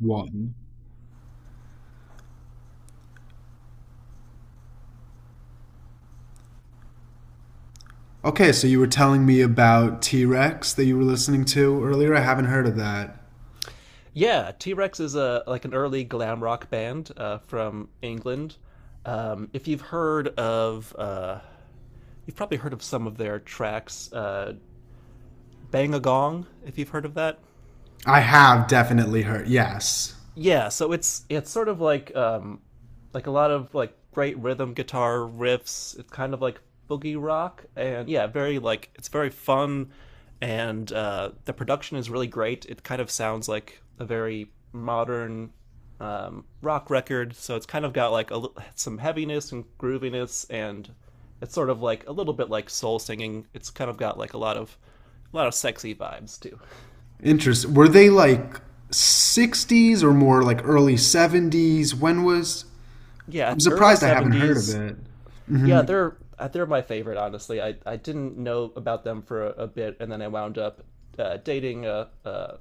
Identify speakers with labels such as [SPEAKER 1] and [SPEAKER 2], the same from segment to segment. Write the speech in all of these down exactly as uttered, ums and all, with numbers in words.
[SPEAKER 1] One. Okay, so you were telling me about T Rex that you were listening to earlier. I haven't heard of that.
[SPEAKER 2] Yeah, T Rex is a like an early glam rock band uh, from England. Um, if you've heard of, uh, you've probably heard of some of their tracks, uh, Bang a Gong. If you've heard of that,
[SPEAKER 1] I have definitely heard. Yes.
[SPEAKER 2] yeah, so it's it's sort of like um like a lot of like great rhythm guitar riffs. It's kind of like boogie rock and yeah, very like it's very fun, and uh the production is really great. It kind of sounds like a very modern um rock record, so it's kind of got like a li- some heaviness and grooviness, and it's sort of like a little bit like soul singing. It's kind of got like a lot of a lot of sexy vibes too.
[SPEAKER 1] Interesting. Were they like sixties or more like early seventies? When was?
[SPEAKER 2] Yeah,
[SPEAKER 1] I'm
[SPEAKER 2] early
[SPEAKER 1] surprised I haven't heard of
[SPEAKER 2] seventies.
[SPEAKER 1] it.
[SPEAKER 2] Yeah,
[SPEAKER 1] hmm
[SPEAKER 2] they're uh, they're my favorite, honestly. I, I didn't know about them for a, a bit, and then I wound up uh, dating a, a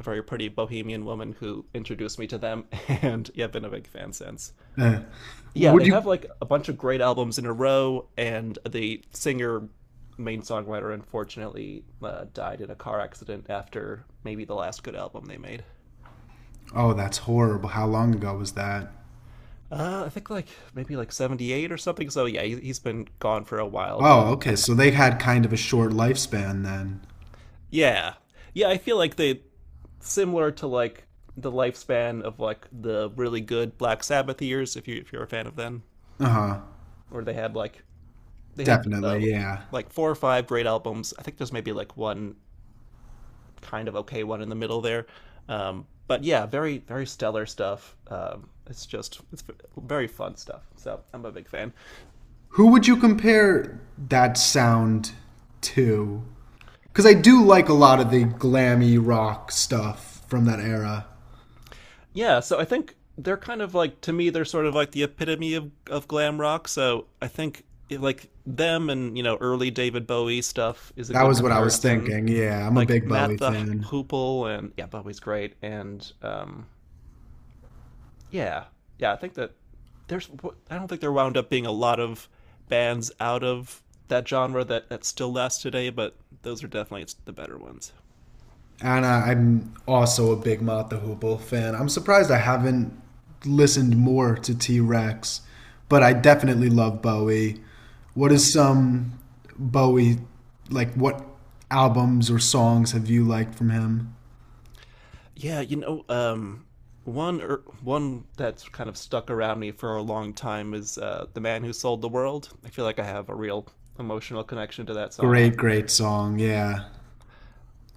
[SPEAKER 2] very pretty bohemian woman who introduced me to them, and yeah, been a big fan since.
[SPEAKER 1] Uh,
[SPEAKER 2] Yeah,
[SPEAKER 1] would
[SPEAKER 2] they
[SPEAKER 1] you?
[SPEAKER 2] have like a bunch of great albums in a row, and the singer, main songwriter, unfortunately uh, died in a car accident after maybe the last good album they made.
[SPEAKER 1] Oh, that's horrible. How long ago was that?
[SPEAKER 2] Uh, I think like maybe like seventy-eight or something. So yeah, he, he's been gone for a while, but
[SPEAKER 1] Oh, okay.
[SPEAKER 2] I,
[SPEAKER 1] So they had kind of a short lifespan then.
[SPEAKER 2] yeah. Yeah, I feel like they similar to like the lifespan of like the really good Black Sabbath years, if you if you're a fan of them,
[SPEAKER 1] Uh huh.
[SPEAKER 2] where they had like they had
[SPEAKER 1] Definitely.
[SPEAKER 2] uh,
[SPEAKER 1] Yeah.
[SPEAKER 2] like four or five great albums. I think there's maybe like one kind of okay one in the middle there. Um, but yeah, very very stellar stuff. Um, it's just it's very fun stuff. So I'm a big fan.
[SPEAKER 1] Who would you compare that sound to? Because I do like a lot of the glammy rock stuff from that era.
[SPEAKER 2] Yeah, so I think they're kind of like to me they're sort of like the epitome of of glam rock. So I think it, like them and you know early David Bowie stuff is a
[SPEAKER 1] That
[SPEAKER 2] good
[SPEAKER 1] was what I was
[SPEAKER 2] comparison.
[SPEAKER 1] thinking. Yeah, I'm a
[SPEAKER 2] Like
[SPEAKER 1] big
[SPEAKER 2] Matt
[SPEAKER 1] Bowie
[SPEAKER 2] the
[SPEAKER 1] fan.
[SPEAKER 2] Hoople, and yeah, Bobby's great, and um yeah, yeah, I think that there's I don't think there wound up being a lot of bands out of that genre that that still lasts today, but those are definitely the better ones.
[SPEAKER 1] And I, I'm also a big Mott the Hoople fan. I'm surprised I haven't listened more to T Rex, but I definitely love Bowie. What
[SPEAKER 2] Oh
[SPEAKER 1] is
[SPEAKER 2] yeah,
[SPEAKER 1] some Bowie, like, what albums or songs have you liked from him?
[SPEAKER 2] yeah. You know, um, one or one that's kind of stuck around me for a long time is uh, "The Man Who Sold the World." I feel like I have a real emotional connection to that song.
[SPEAKER 1] Great, great song. Yeah.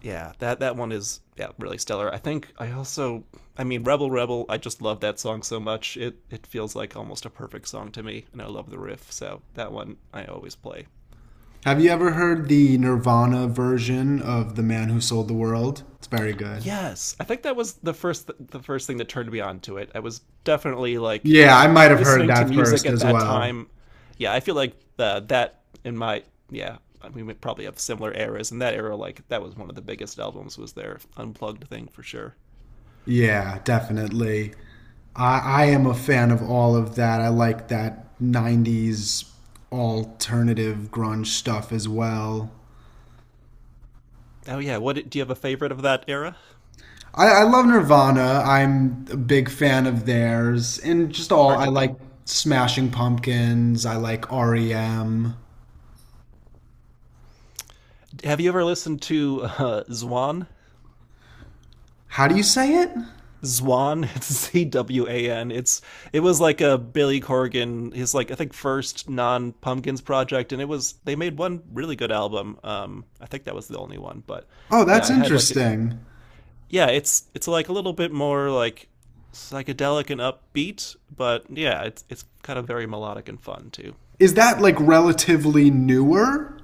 [SPEAKER 2] Yeah, that that one is yeah really stellar. I think I also, I mean, Rebel Rebel. I just love that song so much. It it feels like almost a perfect song to me, and I love the riff. So that one I always play.
[SPEAKER 1] Have you ever heard the Nirvana version of The Man Who Sold the World? It's very good.
[SPEAKER 2] Yes, I think that was the first the first thing that turned me on to it. I was definitely like
[SPEAKER 1] Yeah, I might have heard
[SPEAKER 2] listening to
[SPEAKER 1] that
[SPEAKER 2] music
[SPEAKER 1] first
[SPEAKER 2] at
[SPEAKER 1] as
[SPEAKER 2] that
[SPEAKER 1] well.
[SPEAKER 2] time. Yeah, I feel like uh, that in my yeah. We probably have similar eras. In that era, like that was one of the biggest albums was their unplugged thing for sure.
[SPEAKER 1] Yeah, definitely. I, I am a fan of all of that. I like that nineties alternative grunge stuff as well.
[SPEAKER 2] Oh yeah, what do you have a favorite of that era?
[SPEAKER 1] I, I love Nirvana. I'm a big fan of theirs. And just all,
[SPEAKER 2] Hard
[SPEAKER 1] I
[SPEAKER 2] to beat.
[SPEAKER 1] like Smashing Pumpkins. I like R E M.
[SPEAKER 2] Have you ever listened to uh, Zwan?
[SPEAKER 1] How do you say it?
[SPEAKER 2] Zwan, it's Z W A N. It's it was like a Billy Corgan, his like I think first non Pumpkins project, and it was they made one really good album. Um, I think that was the only one, but
[SPEAKER 1] Oh,
[SPEAKER 2] yeah,
[SPEAKER 1] that's
[SPEAKER 2] I had like a,
[SPEAKER 1] interesting.
[SPEAKER 2] yeah, it's it's like a little bit more like psychedelic and upbeat, but yeah, it's it's kind of very melodic and fun too.
[SPEAKER 1] Is that like relatively newer?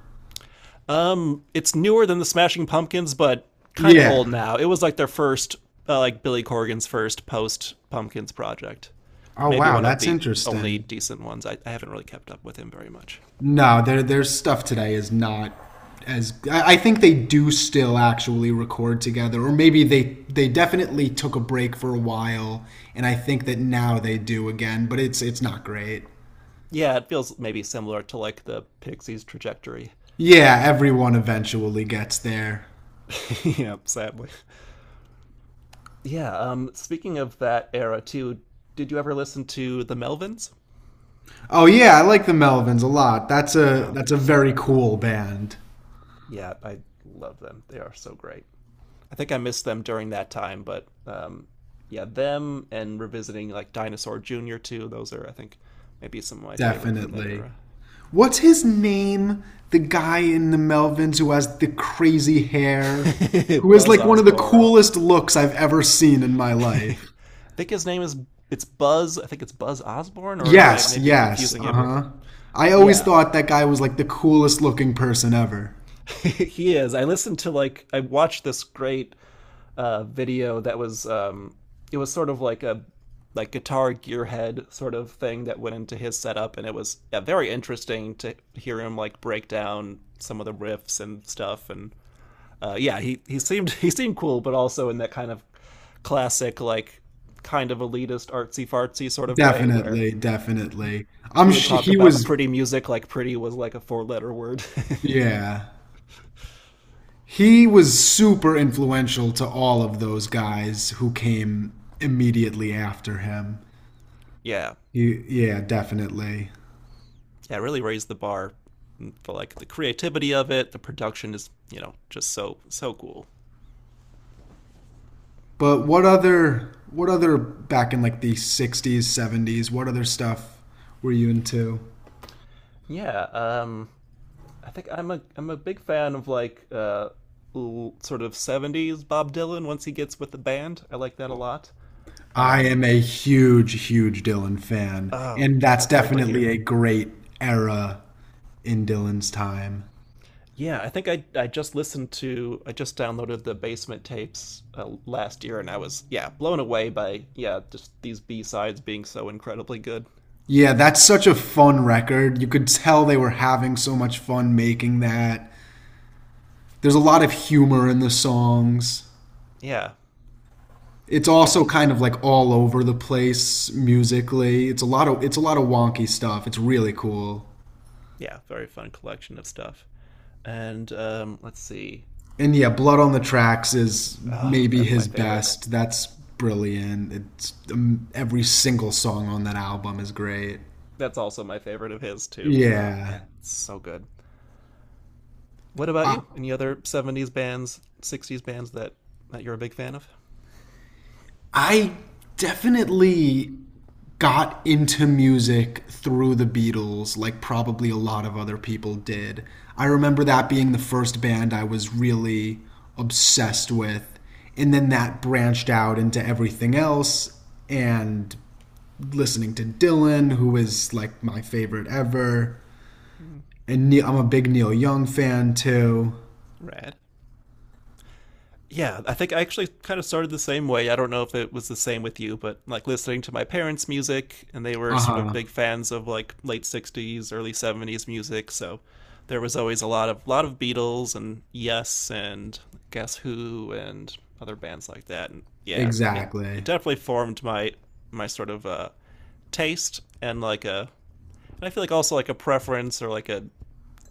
[SPEAKER 2] Um, it's newer than the Smashing Pumpkins, but kind of
[SPEAKER 1] Yeah.
[SPEAKER 2] old now. It was like their first, uh, like Billy Corgan's first post Pumpkins project.
[SPEAKER 1] Oh
[SPEAKER 2] Maybe
[SPEAKER 1] wow,
[SPEAKER 2] one of
[SPEAKER 1] that's
[SPEAKER 2] the only
[SPEAKER 1] interesting.
[SPEAKER 2] decent ones. I, I haven't really kept up with him very much.
[SPEAKER 1] No, their their stuff today is not as I I think they do still actually record together, or maybe they they definitely took a break for a while, and I think that now they do again, but it's it's not great.
[SPEAKER 2] Yeah, it feels maybe similar to like the Pixies trajectory.
[SPEAKER 1] Yeah, everyone eventually gets there.
[SPEAKER 2] Yeah, sadly. Yeah. Um, speaking of that era too, did you ever listen to the Melvins?
[SPEAKER 1] Oh yeah, I like the Melvins a lot. That's a
[SPEAKER 2] Oh,
[SPEAKER 1] that's
[SPEAKER 2] they're
[SPEAKER 1] a very
[SPEAKER 2] stellar.
[SPEAKER 1] cool band.
[SPEAKER 2] Yeah, I love them. They are so great. I think I missed them during that time, but um, yeah, them and revisiting like Dinosaur Junior too. Those are, I think, maybe some of my favorite from that
[SPEAKER 1] Definitely.
[SPEAKER 2] era.
[SPEAKER 1] What's his name? The guy in the Melvins who has the crazy hair, who is
[SPEAKER 2] Buzz
[SPEAKER 1] like one of the
[SPEAKER 2] Osborne.
[SPEAKER 1] coolest looks I've ever seen in my
[SPEAKER 2] I
[SPEAKER 1] life.
[SPEAKER 2] think his name is it's Buzz. I think it's Buzz Osborne, or am I
[SPEAKER 1] Yes,
[SPEAKER 2] maybe
[SPEAKER 1] yes,
[SPEAKER 2] confusing it with?
[SPEAKER 1] uh-huh. I always
[SPEAKER 2] Yeah,
[SPEAKER 1] thought that guy was like the coolest looking person ever.
[SPEAKER 2] he is. I listened to like I watched this great uh, video that was um, it was sort of like a like guitar gearhead sort of thing that went into his setup, and it was yeah, very interesting to hear him like break down some of the riffs and stuff. And uh, yeah, he he seemed he seemed cool, but also in that kind of classic, like, kind of elitist artsy fartsy sort of way where
[SPEAKER 1] Definitely, definitely.
[SPEAKER 2] he
[SPEAKER 1] I'm
[SPEAKER 2] would
[SPEAKER 1] sh
[SPEAKER 2] talk
[SPEAKER 1] He
[SPEAKER 2] about
[SPEAKER 1] was,
[SPEAKER 2] pretty music like pretty was like a four letter word.
[SPEAKER 1] yeah. He was super influential to all of those guys who came immediately after him.
[SPEAKER 2] Yeah.
[SPEAKER 1] He, yeah, definitely.
[SPEAKER 2] Yeah, really raised the bar for like the creativity of it. The production is, you know, just so so cool.
[SPEAKER 1] But what other what other back in like the sixties, seventies, what other stuff were you into?
[SPEAKER 2] Yeah, um, I think I'm a I'm a big fan of like uh, sort of seventies Bob Dylan. Once he gets with the band, I like that a lot.
[SPEAKER 1] I am
[SPEAKER 2] Um,
[SPEAKER 1] a huge huge Dylan fan,
[SPEAKER 2] oh,
[SPEAKER 1] and that's
[SPEAKER 2] that's great to hear.
[SPEAKER 1] definitely a great era in Dylan's time.
[SPEAKER 2] Yeah, I think I I just listened to I just downloaded the Basement tapes uh, last year, and I was yeah blown away by yeah just these B sides being so incredibly good.
[SPEAKER 1] Yeah, that's such a fun record. You could tell they were having so much fun making that. There's a lot of humor in the songs.
[SPEAKER 2] Yeah,
[SPEAKER 1] It's
[SPEAKER 2] yeah,
[SPEAKER 1] also
[SPEAKER 2] he's
[SPEAKER 1] kind of like all over the place musically. It's a lot of it's a lot of wonky stuff. It's really cool.
[SPEAKER 2] yeah, very fun collection of stuff. And um, let's see.
[SPEAKER 1] And yeah, Blood on the Tracks is
[SPEAKER 2] Oh,
[SPEAKER 1] maybe
[SPEAKER 2] that's my
[SPEAKER 1] his
[SPEAKER 2] favorite.
[SPEAKER 1] best. That's brilliant. It's um, every single song on that album is great.
[SPEAKER 2] That's also my favorite of his too. Oh
[SPEAKER 1] Yeah.
[SPEAKER 2] man, it's so good. What about
[SPEAKER 1] I,
[SPEAKER 2] you? Any other seventies bands, sixties bands that that you're a big fan of?
[SPEAKER 1] I definitely got into music through the Beatles, like probably a lot of other people did. I remember that being the first band I was really obsessed with. And then that branched out into everything else. And listening to Dylan, who is like my favorite ever. And Neil, I'm a big Neil Young fan too.
[SPEAKER 2] Rad. Yeah, I think I actually kind of started the same way. I don't know if it was the same with you, but like listening to my parents' music, and they were
[SPEAKER 1] Uh
[SPEAKER 2] sort of
[SPEAKER 1] huh.
[SPEAKER 2] big fans of like late sixties, early seventies music. So there was always a lot of lot of Beatles and Yes and Guess Who and other bands like that. And yeah, it it
[SPEAKER 1] Exactly.
[SPEAKER 2] definitely formed my my sort of uh, taste, and like a and I feel like also like a preference or like a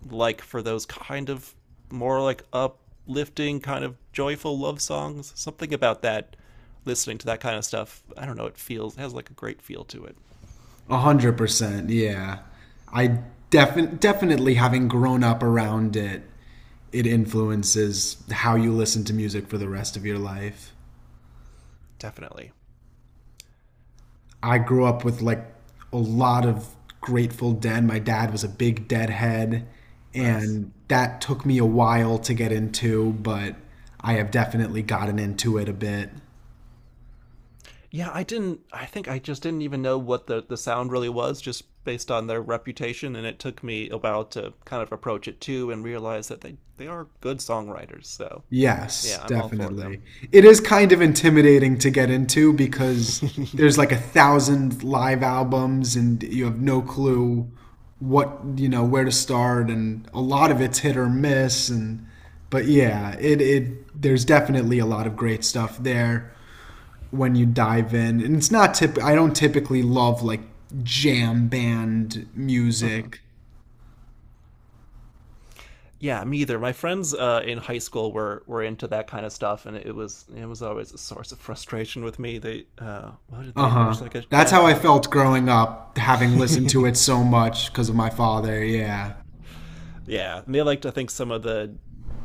[SPEAKER 2] like for those kind of more like uplifting, kind of joyful love songs. Something about that, listening to that kind of stuff. I don't know. It feels it has like a great feel to it.
[SPEAKER 1] A hundred percent. Yeah. I defi- Definitely having grown up around it, it influences how you listen to music for the rest of your life.
[SPEAKER 2] Definitely.
[SPEAKER 1] I grew up with like a lot of Grateful Dead. My dad was a big Deadhead,
[SPEAKER 2] Nice.
[SPEAKER 1] and that took me a while to get into, but I have definitely gotten into it a bit.
[SPEAKER 2] Yeah, I didn't. I think I just didn't even know what the the sound really was, just based on their reputation, and it took me a while to kind of approach it too and realize that they they are good songwriters. So yeah,
[SPEAKER 1] Yes,
[SPEAKER 2] I'm all for them.
[SPEAKER 1] definitely. It is kind of intimidating to get into because there's like a thousand live albums and you have no clue what, you know, where to start, and a lot of it's hit or miss, and but yeah, it it there's definitely a lot of great stuff there when you dive in. And it's not tip I don't typically love like jam band
[SPEAKER 2] Mhm.
[SPEAKER 1] music.
[SPEAKER 2] Yeah, me either. My friends uh, in high school were were into that kind of stuff, and it was it was always a source of frustration with me. They uh, what did
[SPEAKER 1] Uh
[SPEAKER 2] they?
[SPEAKER 1] huh.
[SPEAKER 2] There's like a
[SPEAKER 1] That's
[SPEAKER 2] band
[SPEAKER 1] how I
[SPEAKER 2] called
[SPEAKER 1] felt growing up, having listened to it so much because of my father. Yeah.
[SPEAKER 2] yeah, and they liked I think some of the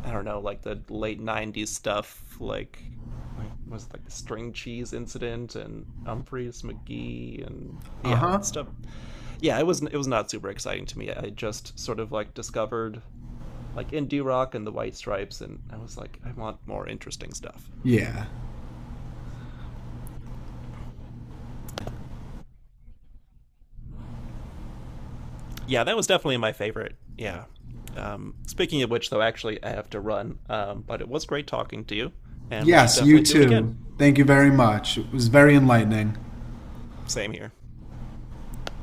[SPEAKER 2] I don't know like the late nineties stuff, like like was it like the string cheese incident and Humphreys McGee and
[SPEAKER 1] Uh
[SPEAKER 2] yeah
[SPEAKER 1] huh.
[SPEAKER 2] stuff. Yeah, it was it was not super exciting to me. I just sort of like discovered like indie rock and the White Stripes, and I was like, I want more interesting stuff.
[SPEAKER 1] Yeah.
[SPEAKER 2] Yeah, that was definitely my favorite. Yeah. Um, speaking of which, though, actually, I have to run. Um, but it was great talking to you, and we should
[SPEAKER 1] Yes,
[SPEAKER 2] definitely
[SPEAKER 1] you
[SPEAKER 2] do it again.
[SPEAKER 1] too. Thank you very much. It was very enlightening.
[SPEAKER 2] Same here.